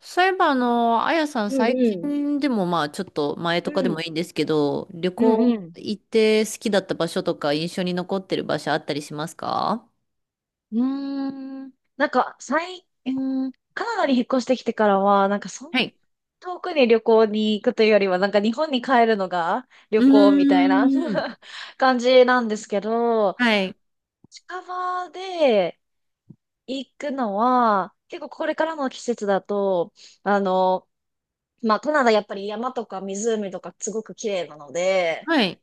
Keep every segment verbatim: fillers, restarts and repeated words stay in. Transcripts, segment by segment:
そういえば、あの、あやさん、う最んうん。近でも、まあ、ちょっと前うとかでん。もいいんですけど、旅うんう行ん。行って好きだった場所とか、印象に残ってる場所あったりしますか？うーん。なんか、最、うーん、カナダに引っ越してきてからは、なんか、そんなはい。遠くに旅行に行くというよりは、なんか日本に帰るのが旅う行みたいな ーん。感じなんですけど、はい。近場で行くのは、結構これからの季節だと、あの、まあ、カナダやっぱり山とか湖とかすごく綺麗なので、はい。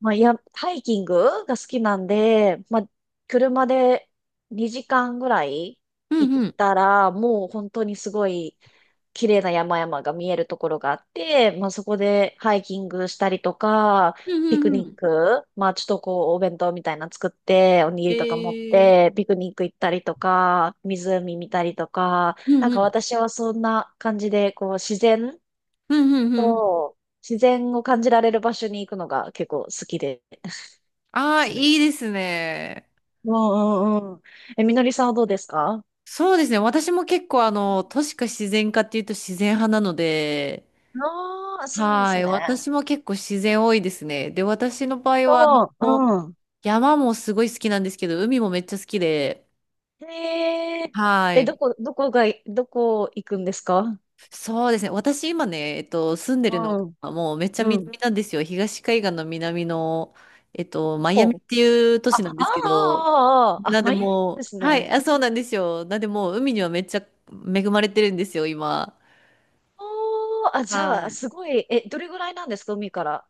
まあ、いや、ハイキングが好きなんで、まあ、車でにじかんぐらいう行んっうん。たら、もう本当にすごい綺麗な山々が見えるところがあって、まあ、そこでハイキングしたりとか、うんピクうんうニッん。ク、まあ、ちょっとこう、お弁当みたいなの作って、おにぎりとか持っえー、て、ピクニック行ったりとか、湖見たりとか、うなんんうかん。私はそんな感じで、こう、自然うんうんうん。と、自然を感じられる場所に行くのが結構好きであであ、すいね。いですね。うんうんうん。え、みのりさんはどうですか？そうですね。私も結構あの、都市か自然かっていうと自然派なので、ああー、そうではすい。ね。私も結構自然多いですね。で、私の場合は、あの、そう、うん。山もすごい好きなんですけど、海もめっちゃ好きで、へえ。はえ、どい。こ、どこが、どこ行くんですか？そうですね。私今ね、えっと、住んでうるのん、がもうめっちゃうん。南なんですよ。東海岸の南の、えっと、マイアミっお、ていう都あ、市なあんですけど、あ、ああ、あ、なんでマイアミもう、ですはね。い、あ、そうなんですよ。なんでもう海にはめっちゃ恵まれてるんですよ、今。おー、あ、じゃはあ、い。すごい、え、どれぐらいなんですか、海から？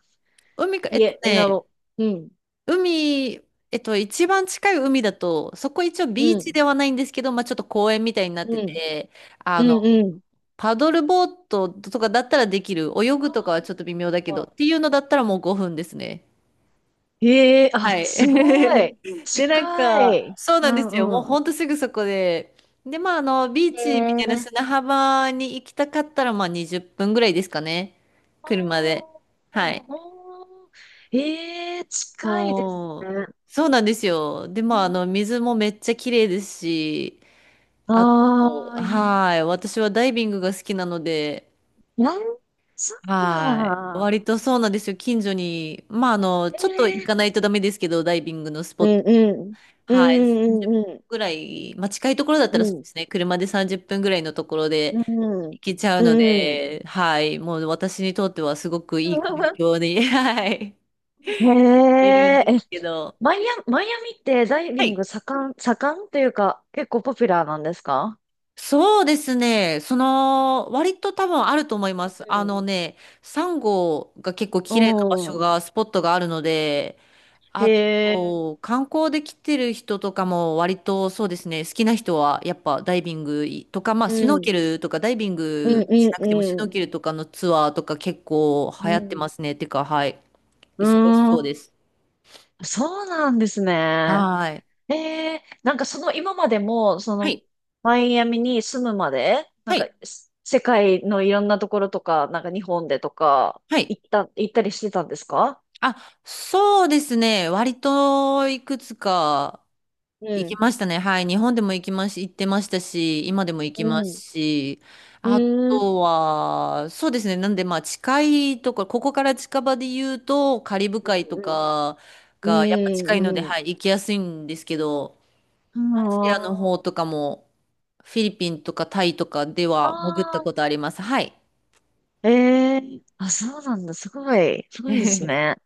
海か、えいっとえ、え、なね、の、うん、海、えっと、一番近い海だと、そこ一応ビうーチん、ではないんですけど、まあちょっと公園みたいになっうてん、て、あうん、の、うん。パドルボートとかだったらできる。泳ぐとかはちょっと微妙だけど、ってあいうのだったらもうごふんですね。へえ、あ、はい。すごい。で、なん近か、い。そううなんですよ。もうん、うん。ほんとすぐそこで。で、まあ、あの、ビーへチみたいなえ。砂浜に行きたかったら、まあ、にじゅっぷんぐらいですかね。車で。ああ、はあい。ー、ええ近いですそう、ね。そうなんですよ。で、まあ、あの、水もめっちゃ綺麗ですし、あと、ああいい。はい。私はダイビングが好きなので、なんつうはい。か。割とそうなんですよ。近所に、まあ、あの、えちょっと行えかないとダメですけど、ダイビングのスポッうんト。うん。うはい。んさんじゅっぷんうんぐらい、まあ、近いところだったらそうですね。車でさんじゅっぷんぐらいのところうでんうん行けちゃううのん。うん。で、はい。もう私にとってはすごくいい環 境に、はい。へいるんえ、ですえ、けど。マイアミ、マイアミってダイはビンい。グ盛ん、盛んというか、結構ポピュラーなんですか？そうですね。その、割と多分あると思います。あうのね、サンゴが結構綺麗な場ん。所うん。が、スポットがあるので、へあえ。と、観光で来てる人とかも割とそうですね、好きな人はやっぱダイビングとか、まあうシュノーん。ケルとかダイビンうんグしうんなくてもシュうノーん。ケルとかのツアーとか結構う流行ってまん。すね。てか、はい。う忙ーしそうでん。す。そうなんですね。はい。ええ、なんかその今までも、そはの、い。マイアミに住むまで、なんはか、い。す世界のいろんなところとか、なんか日本でとか、はい。行った、行ったりしてたんですか？あ、そうですね。割といくつかう行きん。ましたね。はい。日本でも行きまし、行ってましたし、今でも行きうますん。し、あうん。とは、そうですね。なんで、まあ、近いところ、ここから近場で言うと、カリブ海とかうん。が、やっぱ近いうので、ん。うん。はい、行きやすいんですけど、アジあシアの方とかも、フィリピンとかタイとかであは潜ったことー。あります。はい。ええあ、そうなんだ。すごい。すごいです ね。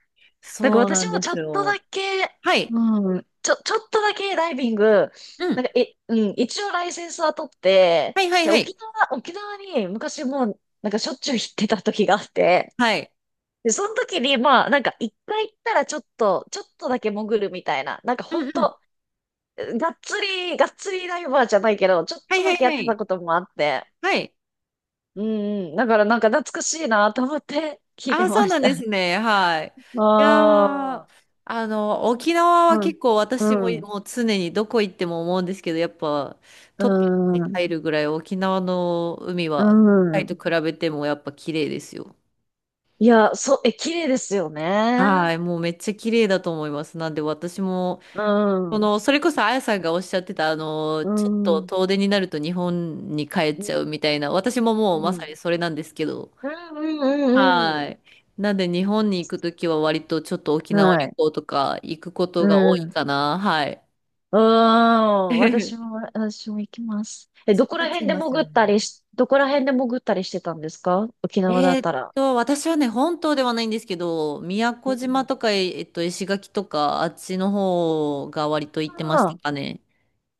なんかそう私なんもでちょすっとよ。だけ、はい。うん、ちょ、ちょっとだけダイビング、うなんん。か、え、うん、一応ライセンスは取って、はいはいで、はい。沖縄、沖縄に昔もう、なんかしょっちゅう行ってた時があって、はい。で、その時に、まあ、なんか一回行ったらちょっと、ちょっとだけ潜るみたいな、なんかほうんんうん。と、がっつり、がっつりダイバーじゃないけど、ちょっはいとはだいけやっはてたい。こともあって、はい。うん、うん、だからなんか懐かしいなと思って聞いてあ、そうまなしんた。です ね。はい。いやあー、あ、あの、沖縄うはん、結構私も、うん。もう常にどこ行っても思うんですけど、やっぱうトップにーん。入るぐらい沖縄の海うは、タイん。と比べてもやっぱ綺麗ですよ。いや、そう、え、綺麗ですよはね。い。もうめっちゃ綺麗だと思います。なんで私も、うこん。の、それこそあやさんがおっしゃってた、あの、うちょっん。うとん。遠出になると日本に帰っちうゃうみたいな、私ももうまさん。にそれなんですけど、うんうはんい。なんで日本に行くときは割とちょっと沖うん。縄は旅い。行とか行くことうが多いん。かな。はい。うん。私も、私も行きます。え、そどこうらなっちゃい辺でます潜よったね。りし、どこら辺で潜ったりしてたんですか、沖縄だえっーったら？と、私はね、本島ではないんですけど、宮う古島んとか、ええっと、石垣とか、あっちの方が割と行ってましたあかね。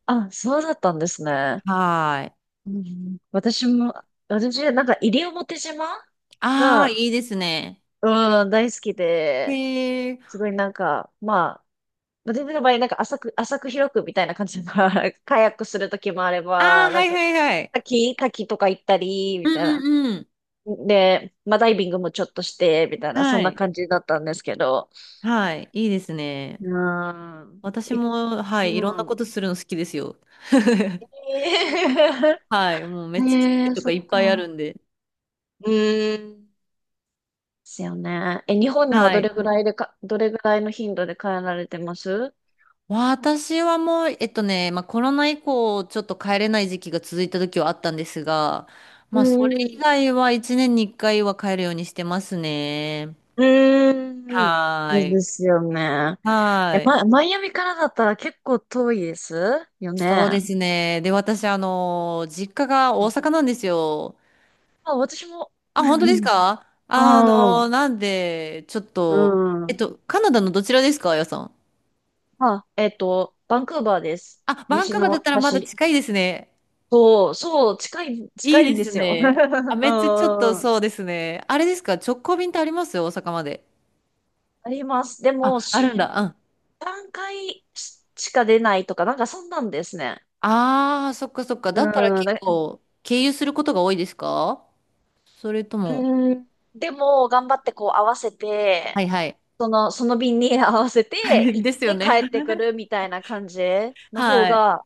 あ、あ、そうだったんですね。はーい。うん私も、私、なんか、西表島ああ、が、いいですね。うん、大好きで、へえ。すごいなんか、まあ、まあ全然の場合、なんか浅く、浅く広くみたいな感じだから、カヤックするときもあれああ、ば、なはんいか、はいはい。滝、滝とか行ったり、うみんたいうな。んうん。で、まあダイビングもちょっとして、みたいな、そはんない。感じだったんですけど。はい。いいですうね。ーん。私いも、はい。いろんうなこん。とするの好きですよ。えはい。もうー め っちゃ種ね類え、とそかっいっぱいあか。るんで。うーん。ですよね。え、日本にははどい。れぐらいでか、どれぐらいの頻度で帰られてます？私はもう、えっとね、まあ、コロナ以降、ちょっと帰れない時期が続いた時はあったんですが、うまあ、それんう以ん。外はいちねんにいっかいは帰るようにしてますね。うーん。はそーうい。ですよね。はえ、ーい。ま、マイアミからだったら結構遠いですよそうね。ですね。で、私、あの、実家がう大ん阪なんですよ。あ、私も。あ、本当です か？あああ、の、なんで、ちょっうと、えっん。と、カナダのどちらですか、あやさん？あ、えっと、バンクーバーです。あ、バンク西ーバーだっのたらまだ端。近いですね。そう、そう、近い、近いいいんでですすよ。ね。あ、めっちゃちょっとあんそうですね。あれですか、直行便ってありますよ、大阪まで。あります。でも、あ、あ週るんにだ。うん。さんかいしか出ないとか、なんかそんなんですね。ああ、そっかそっか。だったらうん。だ結構、経由することが多いですか？それとも、うん、でも、頑張ってこう合わせはて、いはい。その、その便に合わせて 行っですよて帰ね。ってくるみたいな感じの方はい。が、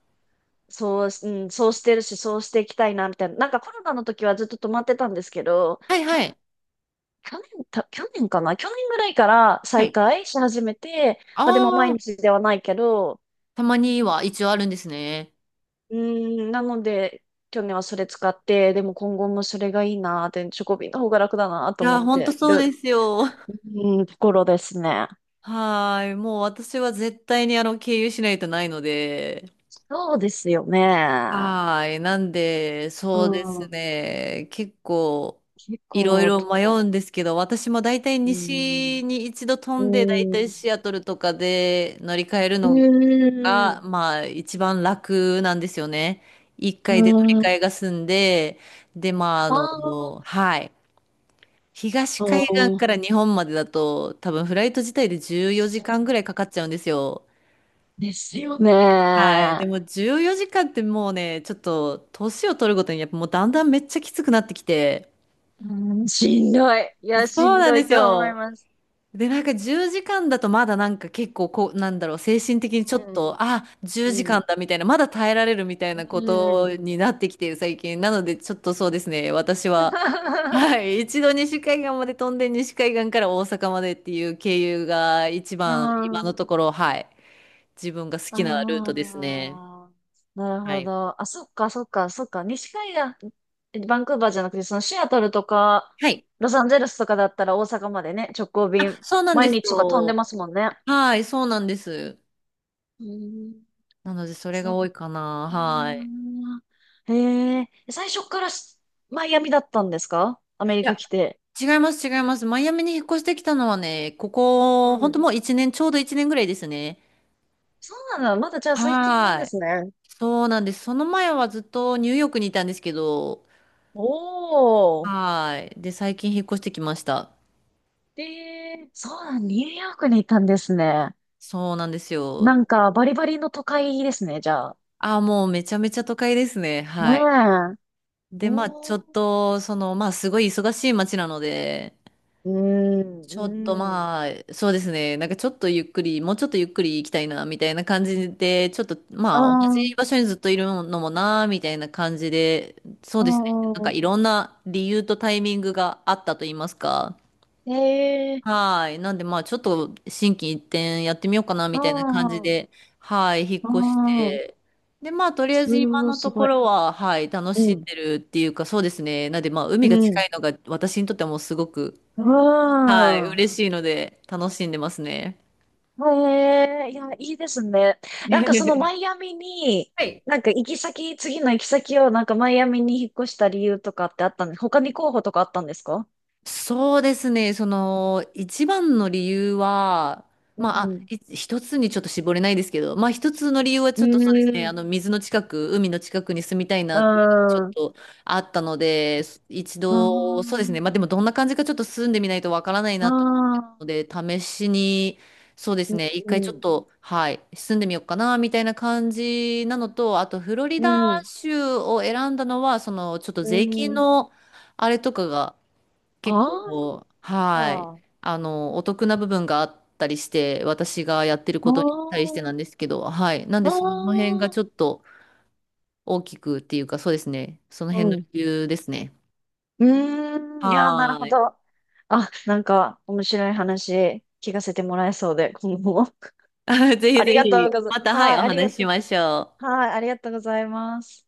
そう、うん、そうしてるし、そうしていきたいな、みたいな。なんかコロナの時はずっと止まってたんですけど、はい去は年、い。去年、た去年かな去年ぐらいからは再い。開し始めて、あまあでも毎あ、日ではないけど、たまには一応あるんですね。うん、なので、去年はそれ使って、でも今後もそれがいいなって、チョコビの方が楽だないと思やー、っほんとてそうる、ですよ。うん、ところですね。はーい。もう私は絶対にあの、経由しないとないので。そうですよね。はーい。なんで、うそうですん。ね。結構、結いろい構ろ迷うと、んですけど、私も大体うーん、西に一度飛うんで、大ー体ん、シアトルとかで乗り換えるうのーが、ん。まあ、一番楽なんですよね。一う回で乗りー換ん、えが済んで、で、まあ、ああの、ーはい。東あ海岸ー、から日本までだと、多分フライト自体でじゅうよじかんぐそらいかかっちゃうんですよ。うですよはい。ね。でもじゅうよじかんってもうね、ちょっと年を取るごとにやっぱもうだんだんめっちゃきつくなってきて。うん、しんどい。いや、しそうんなんどでいすと思いよ。ます。で、なんかじゅうじかんだとまだなんか結構こう、なんだろう、精神的にちょっうと、ん、あ、10時う間ん、だみたいな、まだ耐えられるみたいなこうん。とになってきてる最近。なのでちょっとそうですね、私は、は い。一度西海岸まで飛んで西海岸から大阪までっていう経由が一う番今のん、ところ、はい。自分が好あきなルートですね。あ、なるはほい。ど。あ、そっか、そっか、そっか、西海岸。バンクーバーじゃなくて、そのシアトルとか、はい。ロサンゼルスとかだったら大阪までね、直行便、そうなん毎です日とか飛んでよ。ますもんね。はい、そうなんです。うーん、なので、それそがっ多いかな。かはい。ー。へえ、最初からしマイアミだったんですか、アメいリカや、来て？違います、違います。マイアミに引っ越してきたのはね、こうこ、本当ん。もういちねん、ちょうどいちねんぐらいですね。そうなんだ。まだじゃあ最近なんはでい。すね。そうなんです。その前はずっとニューヨークにいたんですけど、おー。はい。で、最近引っ越してきました。で、そうなん、ニューヨークに行ったんですね。そうなんですよ。なんか、バリバリの都会ですね、じゃあ。ああ、もうめちゃめちゃ都会ですね。ねはい。え。で、まあ、ちょおっー。と、その、まあ、すごい忙しい街なので、うーん、ちょっとうん。まあ、そうですね。なんかちょっとゆっくり、もうちょっとゆっくり行きたいな、みたいな感じで、ちょっとうまあ、同じん場所にずっといるのもな、みたいな感じで、そううですね。なんんかういろんな理由とタイミングがあったと言いますか。ん。へえ。はい。なんでまあ、ちょっと心機一転やってみようかな、うみたいな感じん。で、はい、引っう越しん。て。で、まあ、とりあえすず今ごい、のすとごこい。ろは、はい、楽うしんん。でるっていうか、そうですね。なんでまあ、海うが近ん。いのが私にとってはもうすごく、はい、うん。嬉しいので楽しんでますね。へえ。いや、いいですね。なんかその マイアミに、はい。なんか行き先、次の行き先をなんかマイアミに引っ越した理由とかってあったんで、他に候補とかあったんですか？そうですね、その一番の理由は、うまあ、あ、ん。い一つにちょっと絞れないですけど、まあ一つの理由はうちょっとん。うそうん。ですね、うあん。の水の近く、海の近くに住みたいあなっていうのがちょっあ。とあったので、一う度、そうですね、まあでん。もどんな感じかちょっと住んでみないとわからないなとので、試しに、そうですね、一回ちょっと、はい、住んでみようかな、みたいな感じなのと、あと、フロリうダん。州を選んだのは、その、ちょっとう税金ん。の、あれとかが、結あ構、はい、あ。あの、お得な部分があったりして、私がやってるあことに対しあ。てなんですけど、はい、なんあで、その辺があ。ちょっと大きくっていうか、そうですね、そのう辺のん。理由ですね。うーん。いやー、なるはほーい。ど。あ、なんか、面白い話、聞かせてもらえそうで、今後も。ぜひあぜりがとひ、うございままた、す。はい、はい、おありが話ししとう。ましょう。はい、ありがとうございます。